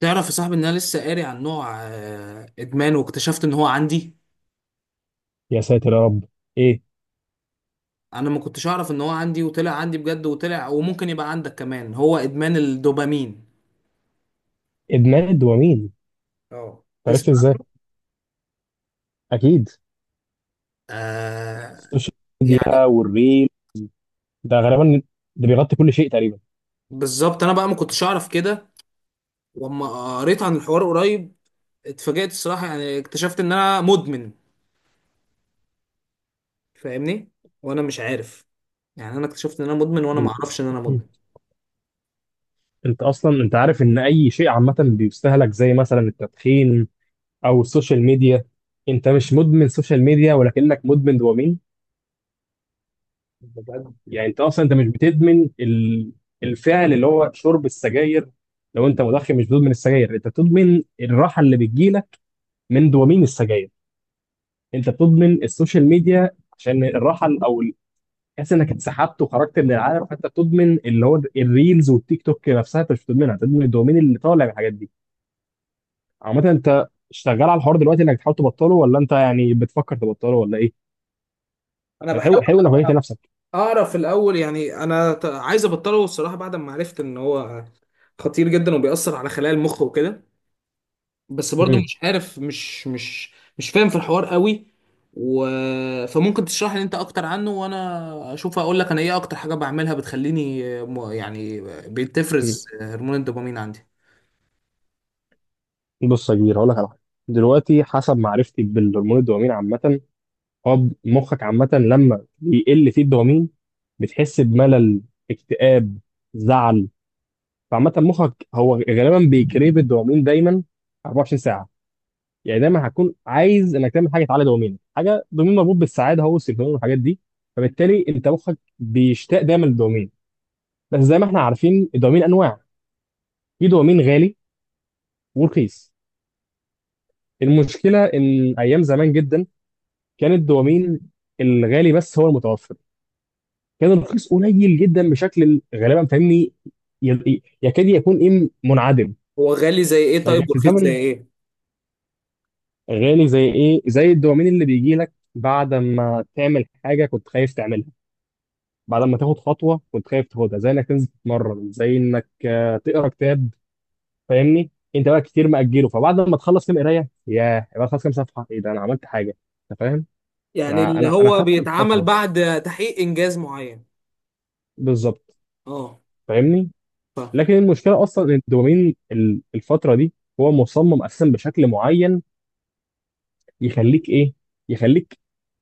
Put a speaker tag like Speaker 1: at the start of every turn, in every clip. Speaker 1: تعرف يا صاحبي ان انا لسه قاري عن نوع ادمان واكتشفت ان هو عندي.
Speaker 2: يا ساتر يا رب. ايه؟
Speaker 1: انا ما كنتش اعرف ان هو عندي وطلع عندي بجد وطلع، وممكن يبقى عندك كمان. هو ادمان الدوبامين.
Speaker 2: ادمان الدوبامين.
Speaker 1: اه،
Speaker 2: عرفت
Speaker 1: تسمع
Speaker 2: ازاي؟
Speaker 1: عنه؟
Speaker 2: اكيد.
Speaker 1: آه.
Speaker 2: السوشيال ميديا
Speaker 1: يعني
Speaker 2: والريل، ده غالبا ده بيغطي كل شيء تقريبا.
Speaker 1: بالظبط، انا بقى ما كنتش اعرف كده. واما قريت عن الحوار قريب، اتفاجأت الصراحة، يعني اكتشفت ان انا مدمن. فاهمني؟ وانا مش عارف. يعني انا اكتشفت ان انا مدمن وانا
Speaker 2: إن-
Speaker 1: ما اعرفش ان انا مدمن.
Speaker 2: انت اصلا عارف ان اي شيء عامه بيستهلك، زي مثلا التدخين او السوشيال ميديا. انت مش مدمن سوشيال ميديا، ولكنك مدمن دوبامين.
Speaker 1: بجد،
Speaker 2: يعني انت اصلا مش بتدمن الفعل اللي هو شرب السجاير. لو انت مدخن، مش بتدمن السجاير، انت بتدمن الراحه اللي بتجيلك من دوبامين السجاير. انت بتضمن السوشيال ميديا عشان الراحه ال- او ال- تحس انك اتسحبت وخرجت من العالم، فانت بتضمن اللي هو الريلز والتيك توك. نفسها انت مش بتضمنها، بتضمن الدومين اللي طالع من الحاجات دي. عامه انت شغال على الحوار دلوقتي انك تحاول تبطله، ولا انت يعني بتفكر تبطله، ولا ايه؟
Speaker 1: انا
Speaker 2: طب حلو،
Speaker 1: بحاول
Speaker 2: حلو انك وجهت نفسك.
Speaker 1: اعرف الاول. يعني انا عايز ابطله الصراحه، بعد ما عرفت ان هو خطير جدا وبيأثر على خلايا المخ وكده. بس برضو
Speaker 2: مم.
Speaker 1: مش عارف، مش فاهم في الحوار قوي و... فممكن تشرح لي انت اكتر عنه، وانا اشوف اقول لك انا ايه اكتر حاجه بعملها بتخليني، يعني،
Speaker 2: مم.
Speaker 1: بتفرز هرمون الدوبامين عندي.
Speaker 2: بص يا كبير، هقول لك على حاجه. دلوقتي حسب معرفتي بالهرمون الدوبامين عامه، هو مخك عامه لما بيقل فيه الدوبامين بتحس بملل، اكتئاب، زعل. فعامة مخك هو غالبا بيكريب الدوبامين دايما 24 ساعة. يعني دايما هتكون عايز انك تعمل حاجة تعلي دوبامين. حاجة دوبامين مربوط بالسعادة، هو السيروتونين والحاجات دي. فبالتالي انت مخك بيشتاق دايما للدوبامين. بس زي ما احنا عارفين، الدوبامين انواع. في دوبامين غالي ورخيص. المشكلة ان ايام زمان جدا كان الدوبامين الغالي بس هو المتوفر، كان الرخيص قليل جدا بشكل غالبا، فاهمني، يكاد يكون ايه، منعدم.
Speaker 1: هو غالي زي ايه؟
Speaker 2: لكن
Speaker 1: طيب،
Speaker 2: في
Speaker 1: ورخيص زي
Speaker 2: الزمن،
Speaker 1: ايه؟
Speaker 2: غالي زي ايه؟ زي الدوبامين اللي بيجي لك بعد ما تعمل حاجه كنت خايف تعملها، بعد
Speaker 1: اه،
Speaker 2: ما تاخد خطوه كنت خايف تاخدها، زي انك تنزل تتمرن، زي انك تقرا كتاب. فاهمني، انت بقى كتير مأجله، فبعد ما تخلص كام قرايه، ياه، يبقى خلاص كام صفحه ايه ده، انا عملت حاجه. انت فاهم،
Speaker 1: يعني
Speaker 2: انا
Speaker 1: اللي
Speaker 2: انا انا
Speaker 1: هو
Speaker 2: خدت
Speaker 1: بيتعمل
Speaker 2: الخطوه.
Speaker 1: بعد تحقيق انجاز معين.
Speaker 2: بالظبط،
Speaker 1: اه،
Speaker 2: فاهمني.
Speaker 1: فاهم.
Speaker 2: لكن المشكله اصلا ان الدوبامين الفتره دي هو مصمم اساسا بشكل معين يخليك ايه، يخليك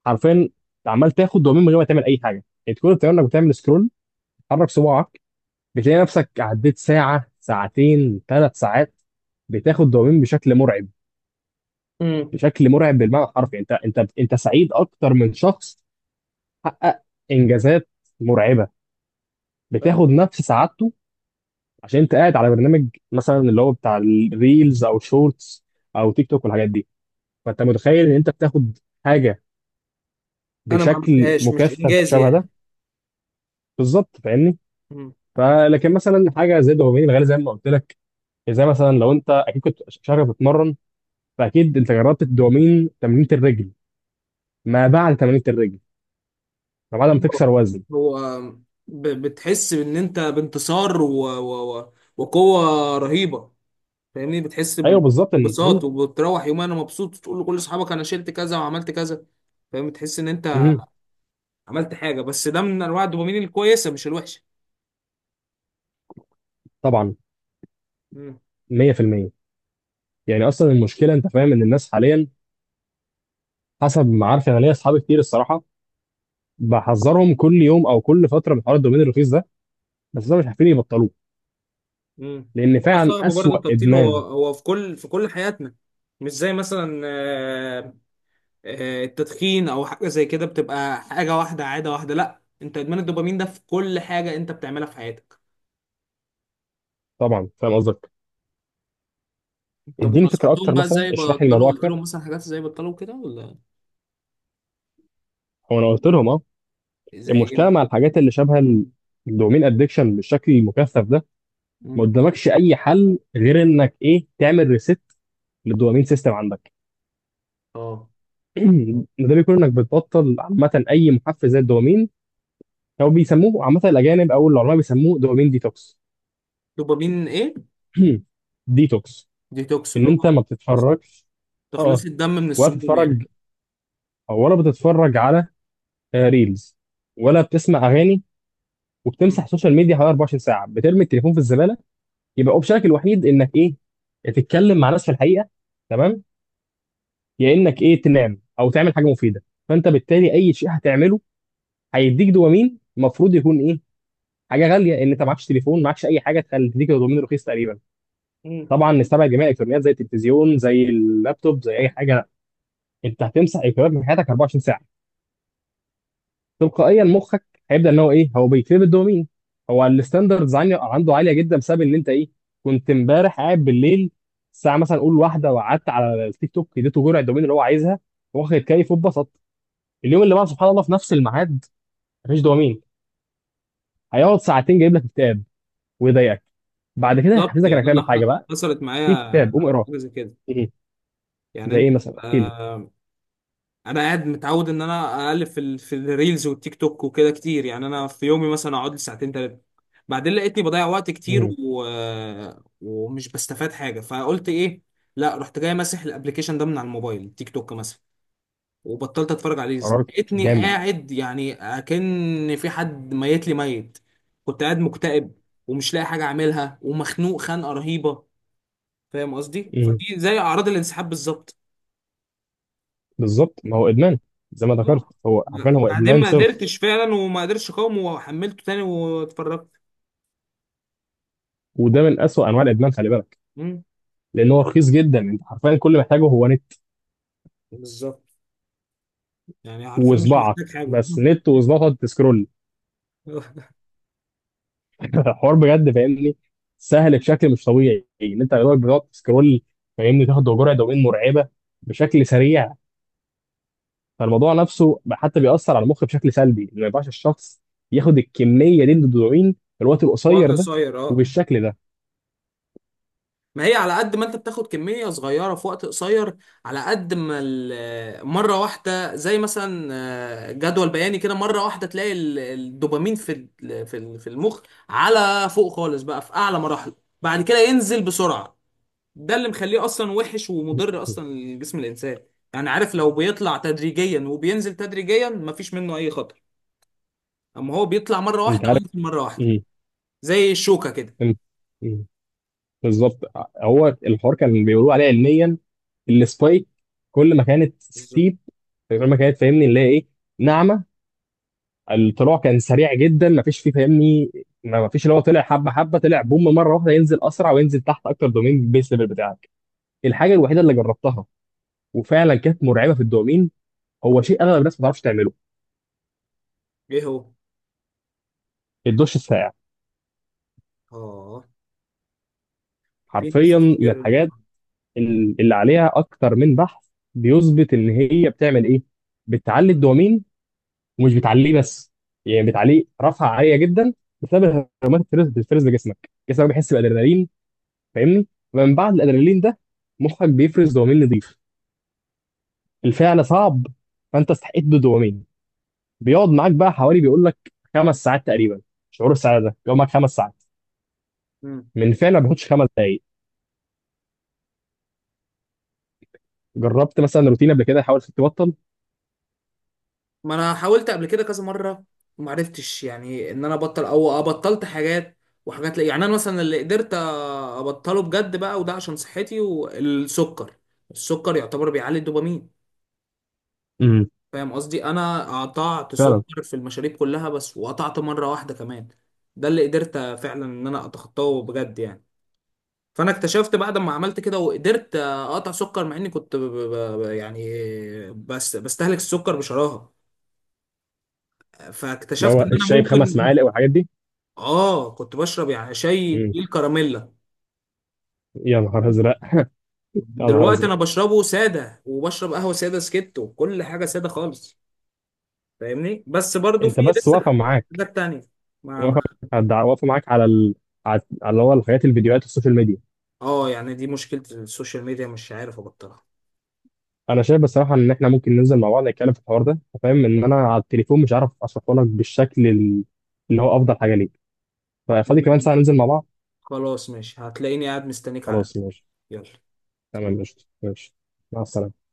Speaker 2: حرفيا عمال تاخد دوبامين من غير ما تعمل اي حاجه. انت كل اللي بتعمله انك بتعمل سكرول، تحرك صباعك، بتلاقي نفسك عديت ساعه، ساعتين، 3 ساعات، بتاخد دوبامين بشكل مرعب.
Speaker 1: امم
Speaker 2: بشكل مرعب بالمعنى الحرفي، انت سعيد اكتر من شخص حقق انجازات مرعبه، بتاخد نفس سعادته، عشان انت قاعد على برنامج مثلا اللي هو بتاع الريلز او شورتس او تيك توك والحاجات دي. فانت متخيل ان انت بتاخد حاجه
Speaker 1: انا ما
Speaker 2: بشكل
Speaker 1: عملتهاش، مش
Speaker 2: مكثف
Speaker 1: انجازي
Speaker 2: شبه ده.
Speaker 1: يعني.
Speaker 2: بالظبط فاهمني. فلكن مثلا حاجه زي الدوبامين الغالي، زي ما قلت لك، زي مثلا لو انت، اكيد كنت شغال بتتمرن، فاكيد انت جربت الدوبامين تمرينه الرجل، ما بعد تمرينه الرجل، ما بعد ما تكسر وزن.
Speaker 1: هو بتحس ان انت بانتصار وقوه رهيبه. فاهمني؟ بتحس
Speaker 2: ايوه بالظبط، ان هم-
Speaker 1: ببساطه. وبتروح يومها انا مبسوط، تقول لكل اصحابك انا شلت كذا وعملت كذا. فاهم؟ تحس ان انت
Speaker 2: هم،
Speaker 1: عملت حاجه. بس ده من انواع الدوبامين الكويسه، مش الوحشه.
Speaker 2: طبعا.
Speaker 1: امم.
Speaker 2: 100%. يعني اصلا المشكله، انت فاهم ان الناس حاليا، حسب ما عارف انا، ليا اصحابي كتير الصراحه، بحذرهم كل يوم او كل فتره من حوار الدوبامين الرخيص ده، بس ده مش عارفين يبطلوه،
Speaker 1: امم.
Speaker 2: لان
Speaker 1: هو
Speaker 2: فعلا
Speaker 1: صعب برضه
Speaker 2: اسوأ
Speaker 1: التبطيل. هو
Speaker 2: ادمان.
Speaker 1: هو في كل حياتنا. مش زي مثلا التدخين او حاجه زي كده بتبقى حاجه واحده، عاده واحده. لا، انت ادمان الدوبامين ده في كل حاجه انت بتعملها في حياتك.
Speaker 2: طبعا فاهم قصدك.
Speaker 1: طب،
Speaker 2: اديني فكره
Speaker 1: ونصحتهم
Speaker 2: اكتر،
Speaker 1: بقى
Speaker 2: مثلا
Speaker 1: ازاي
Speaker 2: اشرح لي
Speaker 1: بطلوا؟
Speaker 2: الموضوع
Speaker 1: قلت
Speaker 2: اكتر،
Speaker 1: لهم مثلا حاجات ازاي بطلوا كده ولا؟
Speaker 2: هو انا قلت لهم اه،
Speaker 1: زي ايه؟
Speaker 2: المشكله مع الحاجات اللي شبه الدومين ادكشن بالشكل المكثف ده، ما
Speaker 1: مم.
Speaker 2: قدامكش اي حل غير انك ايه، تعمل ريست للدوبامين سيستم عندك.
Speaker 1: اه،
Speaker 2: ده بيكون انك بتبطل عامه اي محفز زي الدوبامين، او بيسموه عامه الاجانب او العلماء بيسموه دوبامين ديتوكس.
Speaker 1: دوبامين ايه؟
Speaker 2: ديتوكس،
Speaker 1: ديتوكس
Speaker 2: ان
Speaker 1: اللي هو
Speaker 2: انت ما بتتفرجش، اه،
Speaker 1: تخليص الدم من
Speaker 2: ولا
Speaker 1: السموم يعني؟
Speaker 2: بتتفرج، ولا بتتفرج على ريلز، ولا بتسمع اغاني،
Speaker 1: مم.
Speaker 2: وبتمسح السوشيال ميديا حوالي 24 ساعه، بترمي التليفون في الزباله. يبقى اوبشنك الوحيد انك ايه، تتكلم مع ناس في الحقيقه، تمام، يا انك ايه تنام، او تعمل حاجه مفيده. فانت بالتالي اي شيء هتعمله هيديك دوبامين، المفروض يكون ايه، حاجه غاليه، ان انت معكش تليفون، معكش اي حاجه تخلي تديك دوبامين رخيص تقريبا.
Speaker 1: مم.
Speaker 2: طبعا نستبعد جميع الالكترونيات زي التلفزيون، زي اللابتوب، زي اي حاجه. انت هتمسح الكترونيات من حياتك 24 ساعه. تلقائيا مخك هيبدا ان هو ايه، هو بيكريب الدوبامين. هو الستاندردز عنده عاليه جدا بسبب ان انت ايه، كنت امبارح قاعد بالليل، الساعه مثلا قول واحده، وقعدت على التيك توك، اديته جرعه الدوبامين اللي هو عايزها، واخد كيف واتبسط. اليوم اللي بعده، سبحان الله، في نفس الميعاد، مفيش دوبامين. هيقعد ساعتين جايب لك كتاب ويضايقك، بعد كده
Speaker 1: بالظبط.
Speaker 2: هيحفزك انك
Speaker 1: يعني انا
Speaker 2: تعمل حاجه بقى،
Speaker 1: حصلت معايا
Speaker 2: في كتاب قوم اقراه.
Speaker 1: حاجه زي كده.
Speaker 2: ايه؟
Speaker 1: يعني
Speaker 2: زي ايه
Speaker 1: انت
Speaker 2: مثلا؟ احكي لي.
Speaker 1: تبقى، انا قاعد متعود ان انا اقلب في الريلز والتيك توك وكده كتير. يعني انا في يومي مثلا اقعد لي ساعتين ثلاثه، بعدين لقيتني بضيع وقت كتير
Speaker 2: مم.
Speaker 1: و... آه، ومش بستفاد حاجه. فقلت ايه؟ لا، رحت جاي ماسح الابلكيشن ده من على الموبايل، تيك توك مثلا، وبطلت اتفرج عليه.
Speaker 2: قرار
Speaker 1: لقيتني
Speaker 2: جامد.
Speaker 1: قاعد يعني اكن في حد ميت لي ميت. كنت قاعد مكتئب، ومش لاقي حاجه اعملها، ومخنوق خنقه رهيبه. فاهم قصدي؟
Speaker 2: مم.
Speaker 1: فدي زي اعراض الانسحاب بالظبط.
Speaker 2: بالظبط، ما هو ادمان، زي ما ذكرت
Speaker 1: اه،
Speaker 2: هو، عارفين،
Speaker 1: لا،
Speaker 2: هو
Speaker 1: بعدين
Speaker 2: ادمان
Speaker 1: ما
Speaker 2: صرف.
Speaker 1: قدرتش فعلا وما قدرتش اقاوم، وحملته تاني واتفرجت.
Speaker 2: وده من أسوأ أنواع الإدمان، خلي بالك،
Speaker 1: مم.
Speaker 2: لأن هو رخيص جدا. أنت حرفيا كل محتاجه هو نت،
Speaker 1: بالظبط، يعني حرفيا مش محتاج
Speaker 2: وصباعك.
Speaker 1: حاجه.
Speaker 2: بس نت وصباعك تسكرول. حوار بجد، فاهمني، سهل بشكل مش طبيعي إن أنت دلوقتي بتقعد تسكرول، فاهمني، تاخد جرعة دوبامين مرعبة بشكل سريع. فالموضوع نفسه حتى بيأثر على المخ بشكل سلبي. ما ينفعش الشخص ياخد الكمية دي من الدوبامين في الوقت
Speaker 1: في وقت
Speaker 2: القصير ده
Speaker 1: قصير، اه.
Speaker 2: وبالشكل ده.
Speaker 1: ما هي على قد ما انت بتاخد كمية صغيرة في وقت قصير، على قد ما مرة واحدة. زي مثلا جدول بياني كده، مرة واحدة تلاقي الدوبامين في في المخ، على فوق خالص بقى، في أعلى مراحله. بعد كده ينزل بسرعة. ده اللي مخليه اصلا وحش ومضر اصلا لجسم الانسان. يعني عارف، لو بيطلع تدريجيا وبينزل تدريجيا مفيش منه اي خطر. اما هو بيطلع مره واحده
Speaker 2: انت عارف
Speaker 1: وينزل مره واحده،
Speaker 2: ايه؟
Speaker 1: زي الشوكه كده.
Speaker 2: إمم. إيه؟ بالظبط. هو الحوار كان بيقولوا عليه علميا السبايك. كل ما كانت
Speaker 1: بالظبط.
Speaker 2: ستيب، كل ما كانت فاهمني اللي هي ايه، ناعمه، الطلوع كان سريع جدا، ما فيش فيه، فاهمني، ما فيش اللي هو طلع حبه حبه، طلع بوم مره واحده، ينزل اسرع وينزل تحت اكتر دومين بيس ليفل بتاعك. الحاجه الوحيده اللي جربتها وفعلا كانت مرعبه في الدومين، هو شيء اغلب الناس ما تعرفش تعمله،
Speaker 1: ايه هو؟
Speaker 2: الدش الساقع.
Speaker 1: اه، في ناس
Speaker 2: حرفيا من
Speaker 1: كتير.
Speaker 2: الحاجات اللي عليها اكتر من بحث بيثبت ان هي بتعمل ايه، بتعلي الدومين، ومش بتعليه بس، يعني بتعليه رفعه عاليه جدا، بسبب هرمونات الفرز، بتفرز لجسمك، جسمك بيحس بالادرينالين، فاهمني، فمن بعد الادرينالين ده مخك بيفرز دوبامين نضيف. الفعل صعب، فانت استحقيت بالدوبامين. بيقعد معاك بقى حوالي، بيقول لك، 5 ساعات تقريبا. شعور السعاده ده بيقعد معاك 5 ساعات،
Speaker 1: مم.
Speaker 2: من فعل ما بياخدش 5 دقايق. جربت مثلا روتين قبل كده؟ حاولت تبطل؟
Speaker 1: ما انا حاولت قبل كده كذا مره، وما عرفتش يعني ان انا ابطل، او بطلت حاجات وحاجات. لا يعني، انا مثلا اللي قدرت ابطله بجد بقى، وده عشان صحتي، والسكر. السكر يعتبر بيعلي الدوبامين.
Speaker 2: امم
Speaker 1: فاهم قصدي؟ انا قطعت
Speaker 2: فعلا
Speaker 1: سكر في المشاريب كلها بس، وقطعت مره واحده كمان. ده اللي قدرت فعلا ان انا اتخطاه بجد يعني. فانا اكتشفت بعد ما عملت كده وقدرت اقطع سكر، مع اني كنت يعني، بس بستهلك السكر بشراهه.
Speaker 2: اللي
Speaker 1: فاكتشفت
Speaker 2: هو
Speaker 1: ان انا
Speaker 2: الشاي بخمس
Speaker 1: ممكن.
Speaker 2: معالق والحاجات دي.
Speaker 1: اه، كنت بشرب يعني شاي
Speaker 2: امم
Speaker 1: تقيل كراميلا.
Speaker 2: يا نهار ازرق. يا نهار
Speaker 1: دلوقتي
Speaker 2: ازرق.
Speaker 1: انا بشربه ساده، وبشرب قهوه ساده سكت، وكل حاجه ساده خالص. فاهمني؟ بس برضو
Speaker 2: انت
Speaker 1: في
Speaker 2: بس
Speaker 1: لسه
Speaker 2: واقفه معاك،
Speaker 1: حاجات تانية. ما،
Speaker 2: واقفه. واقفه معاك على على اللي هو الحاجات، الفيديوهات، السوشيال ميديا.
Speaker 1: اه، يعني دي مشكلة السوشيال ميديا، مش عارف ابطلها.
Speaker 2: انا شايف بصراحه ان احنا ممكن ننزل مع بعض نتكلم في الحوار ده. أنت فاهم ان انا على التليفون مش عارف اشرحه لك بالشكل اللي هو افضل حاجه ليك. ففاضي كمان
Speaker 1: تمام.
Speaker 2: ساعه، ننزل مع بعض.
Speaker 1: خلاص، ماشي، هتلاقيني قاعد مستنيك على القهوة.
Speaker 2: خلاص ماشي.
Speaker 1: يلا.
Speaker 2: تمام، ماشي ماشي. مع السلامه.